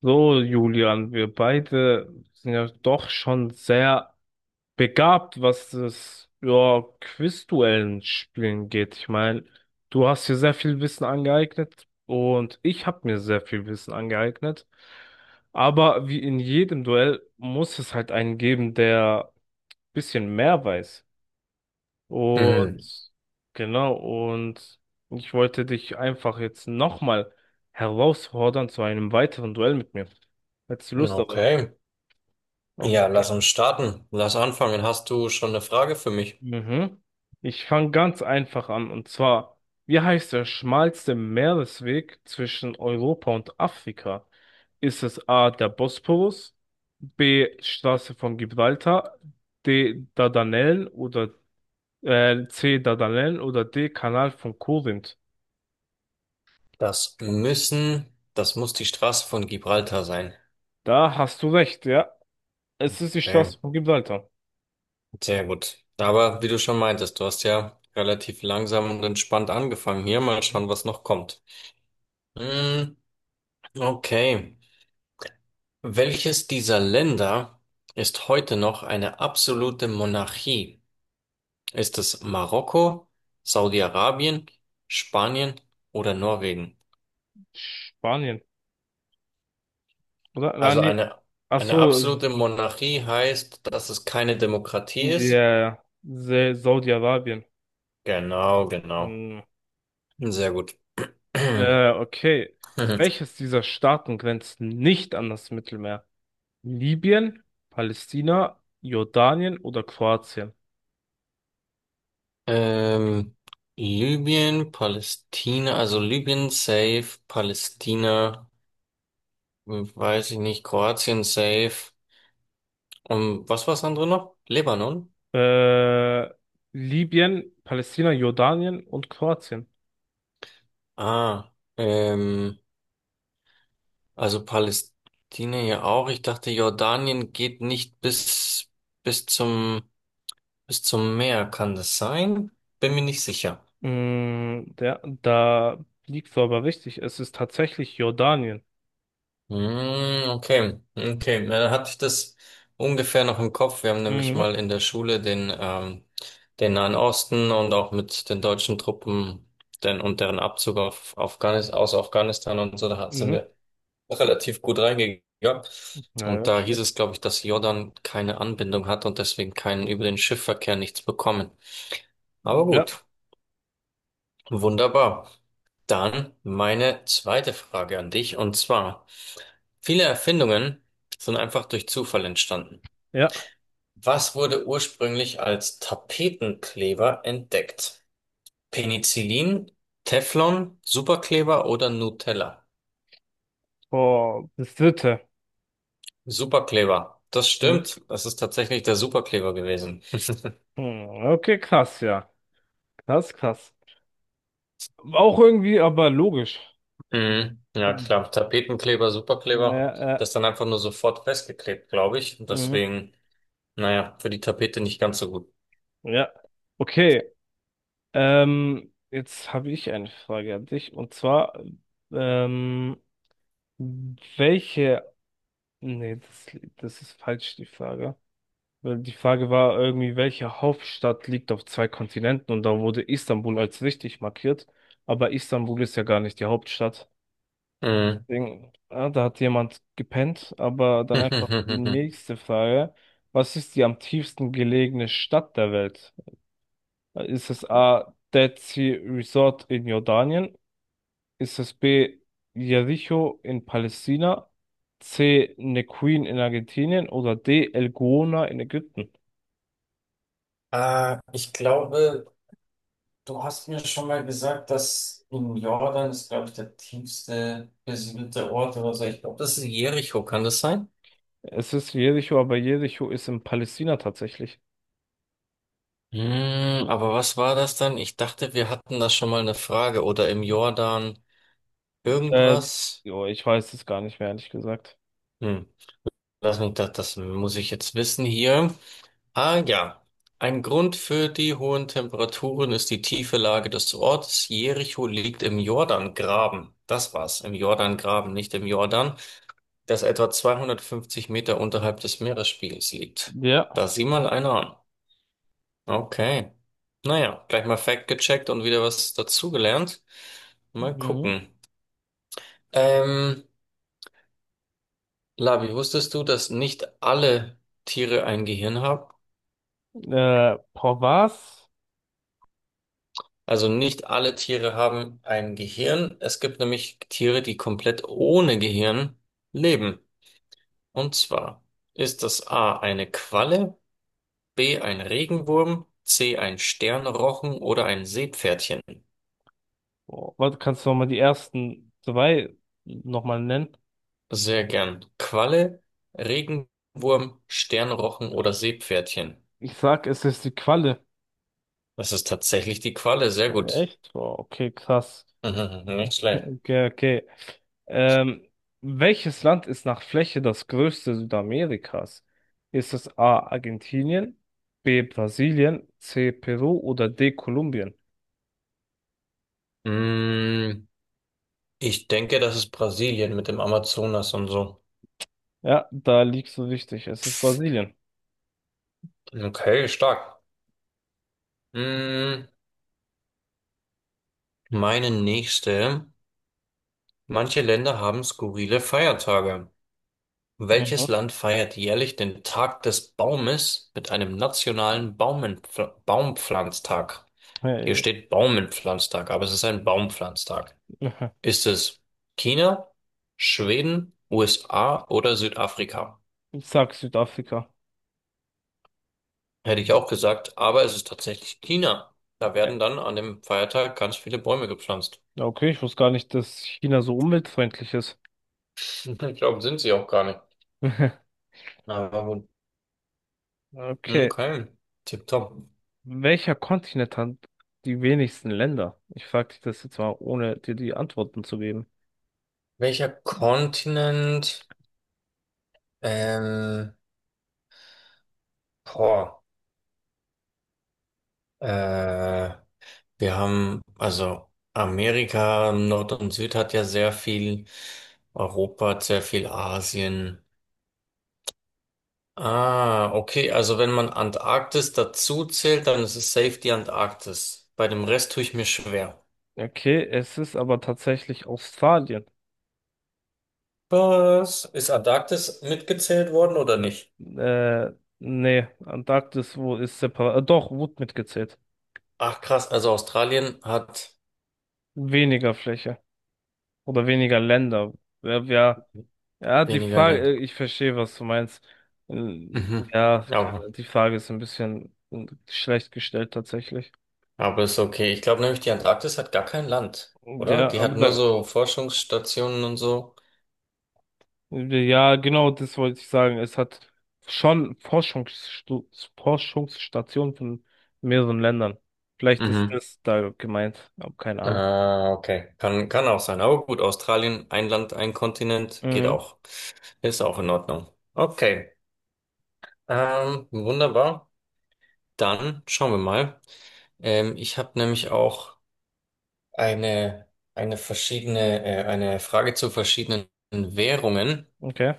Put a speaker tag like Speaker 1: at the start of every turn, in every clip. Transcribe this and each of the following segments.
Speaker 1: So, Julian, wir beide sind ja doch schon sehr begabt, was das, ja, Quizduellen spielen geht. Ich meine, du hast dir sehr viel Wissen angeeignet und ich habe mir sehr viel Wissen angeeignet. Aber wie in jedem Duell muss es halt einen geben, der ein bisschen mehr weiß.
Speaker 2: Mhm.
Speaker 1: Und genau, und ich wollte dich einfach jetzt nochmal herausfordern zu einem weiteren Duell mit mir. Hättest du Lust darauf?
Speaker 2: Okay. Ja,
Speaker 1: Okay.
Speaker 2: lass uns starten. Lass anfangen. Hast du schon eine Frage für mich?
Speaker 1: Mhm. Ich fange ganz einfach an. Und zwar, wie heißt der schmalste Meeresweg zwischen Europa und Afrika? Ist es A, der Bosporus, B, Straße von Gibraltar, D, Dardanellen oder C, Dardanellen oder D, Kanal von Korinth?
Speaker 2: Das muss die Straße von Gibraltar sein.
Speaker 1: Da hast du recht, ja. Es ist die
Speaker 2: Okay.
Speaker 1: Straße von Gibraltar.
Speaker 2: Sehr gut. Aber wie du schon meintest, du hast ja relativ langsam und entspannt angefangen. Hier mal
Speaker 1: Mhm.
Speaker 2: schauen, was noch kommt. Mm, okay. Welches dieser Länder ist heute noch eine absolute Monarchie? Ist es Marokko, Saudi-Arabien, Spanien oder Norwegen?
Speaker 1: Spanien, oder? Nein,
Speaker 2: Also
Speaker 1: nee. Ach
Speaker 2: eine
Speaker 1: so,
Speaker 2: absolute Monarchie heißt, dass es keine Demokratie ist.
Speaker 1: ja, ja. Saudi-Arabien.
Speaker 2: Genau, genau.
Speaker 1: Hm.
Speaker 2: Sehr gut.
Speaker 1: Okay. Welches dieser Staaten grenzt nicht an das Mittelmeer? Libyen, Palästina, Jordanien oder Kroatien?
Speaker 2: Ähm, Libyen, Palästina, also Libyen safe, Palästina, weiß ich nicht, Kroatien safe. Und was war das andere noch? Libanon?
Speaker 1: Äh, Libyen, Palästina, Jordanien und Kroatien.
Speaker 2: Ah, ähm, also Palästina ja auch. Ich dachte, Jordanien geht nicht bis zum Bis zum Meer, kann das sein? Bin mir nicht sicher.
Speaker 1: Mm, da liegst du aber richtig. Es ist tatsächlich Jordanien.
Speaker 2: Hm, okay, okay. Na, dann hatte ich das ungefähr noch im Kopf. Wir haben nämlich
Speaker 1: Mhm.
Speaker 2: mal in der Schule den Nahen Osten und auch mit den deutschen Truppen und deren Abzug auf Afghanistan, aus Afghanistan und so, da sind
Speaker 1: Mhm.
Speaker 2: wir relativ gut reingegangen.
Speaker 1: Ja,
Speaker 2: Und
Speaker 1: ja,
Speaker 2: da hieß
Speaker 1: stimmt.
Speaker 2: es, glaube ich, dass Jordan keine Anbindung hat und deswegen keinen über den Schiffverkehr nichts bekommen. Aber
Speaker 1: Ja.
Speaker 2: gut. Wunderbar. Dann meine zweite Frage an dich, und zwar, viele Erfindungen sind einfach durch Zufall entstanden.
Speaker 1: Ja.
Speaker 2: Was wurde ursprünglich als Tapetenkleber entdeckt? Penicillin, Teflon, Superkleber oder Nutella?
Speaker 1: Boah, das dritte.
Speaker 2: Superkleber. Das
Speaker 1: Mhm.
Speaker 2: stimmt. Das ist tatsächlich der Superkleber gewesen.
Speaker 1: Mhm. Okay, krass, ja. Krass, krass. Auch irgendwie, aber logisch.
Speaker 2: Mhm. Ja, klar. Tapetenkleber,
Speaker 1: Ja,
Speaker 2: Superkleber. Das
Speaker 1: ja,
Speaker 2: ist dann einfach nur sofort festgeklebt, glaube ich. Und
Speaker 1: mhm,
Speaker 2: deswegen, naja, für die Tapete nicht ganz so gut.
Speaker 1: ja. Okay, jetzt habe ich eine Frage an dich. Und zwar, ähm, welche, nee, das, das ist falsch, die Frage. Weil die Frage war irgendwie, welche Hauptstadt liegt auf zwei Kontinenten? Und da wurde Istanbul als richtig markiert. Aber Istanbul ist ja gar nicht die Hauptstadt.
Speaker 2: Mhm.
Speaker 1: Deswegen, ah, da hat jemand gepennt. Aber dann einfach die nächste Frage. Was ist die am tiefsten gelegene Stadt der Welt? Ist es A. Dead Sea Resort in Jordanien? Ist es B. Jericho in Palästina? C. Neuquén in Argentinien? Oder D. El Gouna in Ägypten?
Speaker 2: Ich glaube, du hast mir schon mal gesagt, dass in Jordan ist, glaube ich, der tiefste besiedelte Ort oder so. Ich glaube, das ist Jericho, kann das sein?
Speaker 1: Es ist Jericho, aber Jericho ist in Palästina tatsächlich.
Speaker 2: Aber was war das dann? Ich dachte, wir hatten da schon mal eine Frage oder im Jordan
Speaker 1: Äh,
Speaker 2: irgendwas.
Speaker 1: Jo, ich weiß es gar nicht mehr, ehrlich gesagt.
Speaker 2: Hm, lass mich das muss ich jetzt wissen hier. Ah ja, ein Grund für die hohen Temperaturen ist die tiefe Lage des Ortes. Jericho liegt im Jordangraben. Das war's, im Jordangraben, nicht im Jordan, das etwa 250 Meter unterhalb des Meeresspiegels liegt.
Speaker 1: Ja.
Speaker 2: Da sieh mal einer an. Okay. Naja, gleich mal Fact gecheckt und wieder was dazugelernt. Mal
Speaker 1: Mhm.
Speaker 2: gucken. Ähm, Labi, wusstest du, dass nicht alle Tiere ein Gehirn haben?
Speaker 1: Boah, was?
Speaker 2: Also nicht alle Tiere haben ein Gehirn. Es gibt nämlich Tiere, die komplett ohne Gehirn leben. Und zwar ist das A eine Qualle, B ein Regenwurm, C ein Sternrochen oder ein Seepferdchen.
Speaker 1: Boah, warte, kannst du nochmal die ersten zwei nochmal nennen?
Speaker 2: Sehr gern. Qualle, Regenwurm, Sternrochen oder Seepferdchen.
Speaker 1: Ich sag, es ist die Qualle.
Speaker 2: Das ist tatsächlich die Qualle. Sehr gut.
Speaker 1: Echt? Boah, okay, krass.
Speaker 2: Mhm, nicht schlecht.
Speaker 1: Okay, okay. Ähm, Welches Land ist nach Fläche das größte Südamerikas? Ist es A. Argentinien, B. Brasilien, C. Peru oder D. Kolumbien?
Speaker 2: Mm, ich denke, das ist Brasilien mit dem Amazonas und so.
Speaker 1: Ja, da liegst du richtig. Es ist Brasilien.
Speaker 2: Okay, stark. Mm, Meine nächste. Manche Länder haben skurrile Feiertage. Welches
Speaker 1: Mhm.
Speaker 2: Land feiert jährlich den Tag des Baumes mit einem nationalen Baumenpfl Baumpflanztag? Hier
Speaker 1: Hey.
Speaker 2: steht Baumpflanztag, aber es ist ein Baumpflanztag. Ist es China, Schweden, USA oder Südafrika?
Speaker 1: Ich sag Südafrika.
Speaker 2: Hätte ich auch gesagt, aber es ist tatsächlich China. Da werden
Speaker 1: Äh,
Speaker 2: dann an dem Feiertag ganz viele Bäume gepflanzt.
Speaker 1: Okay, ich wusste gar nicht, dass China so umweltfreundlich ist.
Speaker 2: Ich glaube, sind sie auch gar nicht. Aber
Speaker 1: Okay.
Speaker 2: okay, tipptopp.
Speaker 1: Welcher Kontinent hat die wenigsten Länder? Ich frage dich das jetzt mal, ohne dir die Antworten zu geben.
Speaker 2: Welcher Kontinent? Ähm, boah, äh, wir haben, also Amerika, Nord und Süd hat ja sehr viel, Europa hat sehr viel, Asien. Ah, okay, also wenn man Antarktis dazu zählt, dann ist es safe die Antarktis. Bei dem Rest tue ich mir schwer.
Speaker 1: Okay, es ist aber tatsächlich Australien.
Speaker 2: Was? Ist Antarktis mitgezählt worden oder nicht?
Speaker 1: Äh, Nee, Antarktis, wo ist separat? Doch, wurde mitgezählt.
Speaker 2: Ach krass, also Australien hat
Speaker 1: Weniger Fläche oder weniger Länder. Ja, ja, ja, die
Speaker 2: weniger
Speaker 1: Frage,
Speaker 2: Länder.
Speaker 1: ich verstehe, was du meinst.
Speaker 2: Mhm.
Speaker 1: Ja, keine,
Speaker 2: Ja,
Speaker 1: Ahnung, die Frage ist ein bisschen schlecht gestellt tatsächlich.
Speaker 2: aber ist okay. Ich glaube nämlich, die Antarktis hat gar kein Land, oder?
Speaker 1: Ja,
Speaker 2: Die
Speaker 1: aber
Speaker 2: hat nur
Speaker 1: da.
Speaker 2: so Forschungsstationen und so.
Speaker 1: Ja, genau, das wollte ich sagen. Es hat schon Forschungsstu Forschungsstationen von mehreren Ländern. Vielleicht ist
Speaker 2: Mhm.
Speaker 1: das da gemeint, aber keine Ahnung.
Speaker 2: Ah, okay. Kann auch sein. Aber gut, Australien, ein Land, ein Kontinent, geht
Speaker 1: Mhm.
Speaker 2: auch. Ist auch in Ordnung. Okay. Wunderbar. Dann schauen wir mal. Ich habe nämlich auch eine, eine Frage zu verschiedenen Währungen.
Speaker 1: Okay,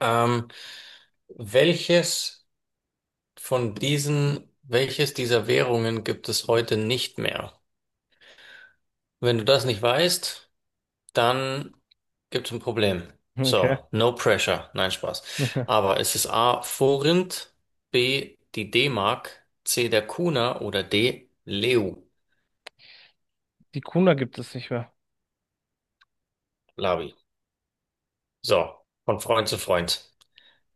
Speaker 2: Ähm, welches welches dieser Währungen gibt es heute nicht mehr? Wenn du das nicht weißt, dann gibt es ein Problem.
Speaker 1: okay.
Speaker 2: So, no pressure. Nein, Spaß. Aber es ist A, Forint, B, die D-Mark, C, der Kuna oder D, Leu,
Speaker 1: Die Kuna gibt es nicht mehr.
Speaker 2: Labi. So, von Freund zu Freund.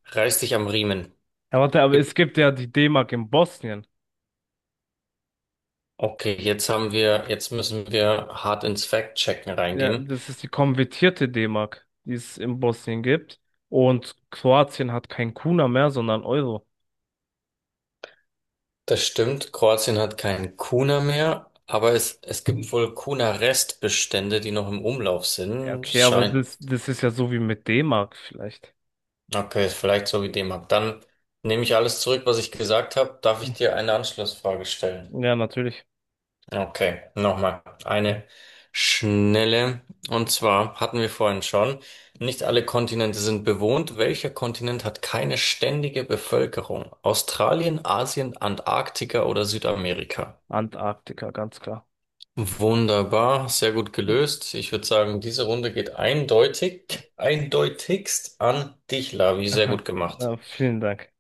Speaker 2: Reiß dich am Riemen.
Speaker 1: Ja, warte, aber es
Speaker 2: Gib-
Speaker 1: gibt ja die D-Mark in Bosnien.
Speaker 2: Okay, jetzt müssen wir hart ins Fact-Checken
Speaker 1: Ja,
Speaker 2: reingehen.
Speaker 1: das ist die konvertierte D-Mark, die es in Bosnien gibt. Und Kroatien hat kein Kuna mehr, sondern Euro.
Speaker 2: Das stimmt, Kroatien hat keinen Kuna mehr, aber es gibt wohl Kuna-Restbestände, die noch im Umlauf
Speaker 1: Ja,
Speaker 2: sind. Es
Speaker 1: okay, aber
Speaker 2: scheint.
Speaker 1: das, das ist ja so wie mit D-Mark vielleicht.
Speaker 2: Okay, ist vielleicht so wie D-Mark. Dann nehme ich alles zurück, was ich gesagt habe. Darf ich dir eine Anschlussfrage stellen?
Speaker 1: Ja, natürlich.
Speaker 2: Okay, nochmal. Eine schnelle. Und zwar hatten wir vorhin schon, nicht alle Kontinente sind bewohnt. Welcher Kontinent hat keine ständige Bevölkerung? Australien, Asien, Antarktika oder Südamerika?
Speaker 1: Antarktika, ganz klar.
Speaker 2: Wunderbar, sehr gut gelöst. Ich würde sagen, diese Runde geht eindeutig, eindeutigst an dich, Lavi. Sehr gut
Speaker 1: Aha.
Speaker 2: gemacht.
Speaker 1: Ja, vielen Dank.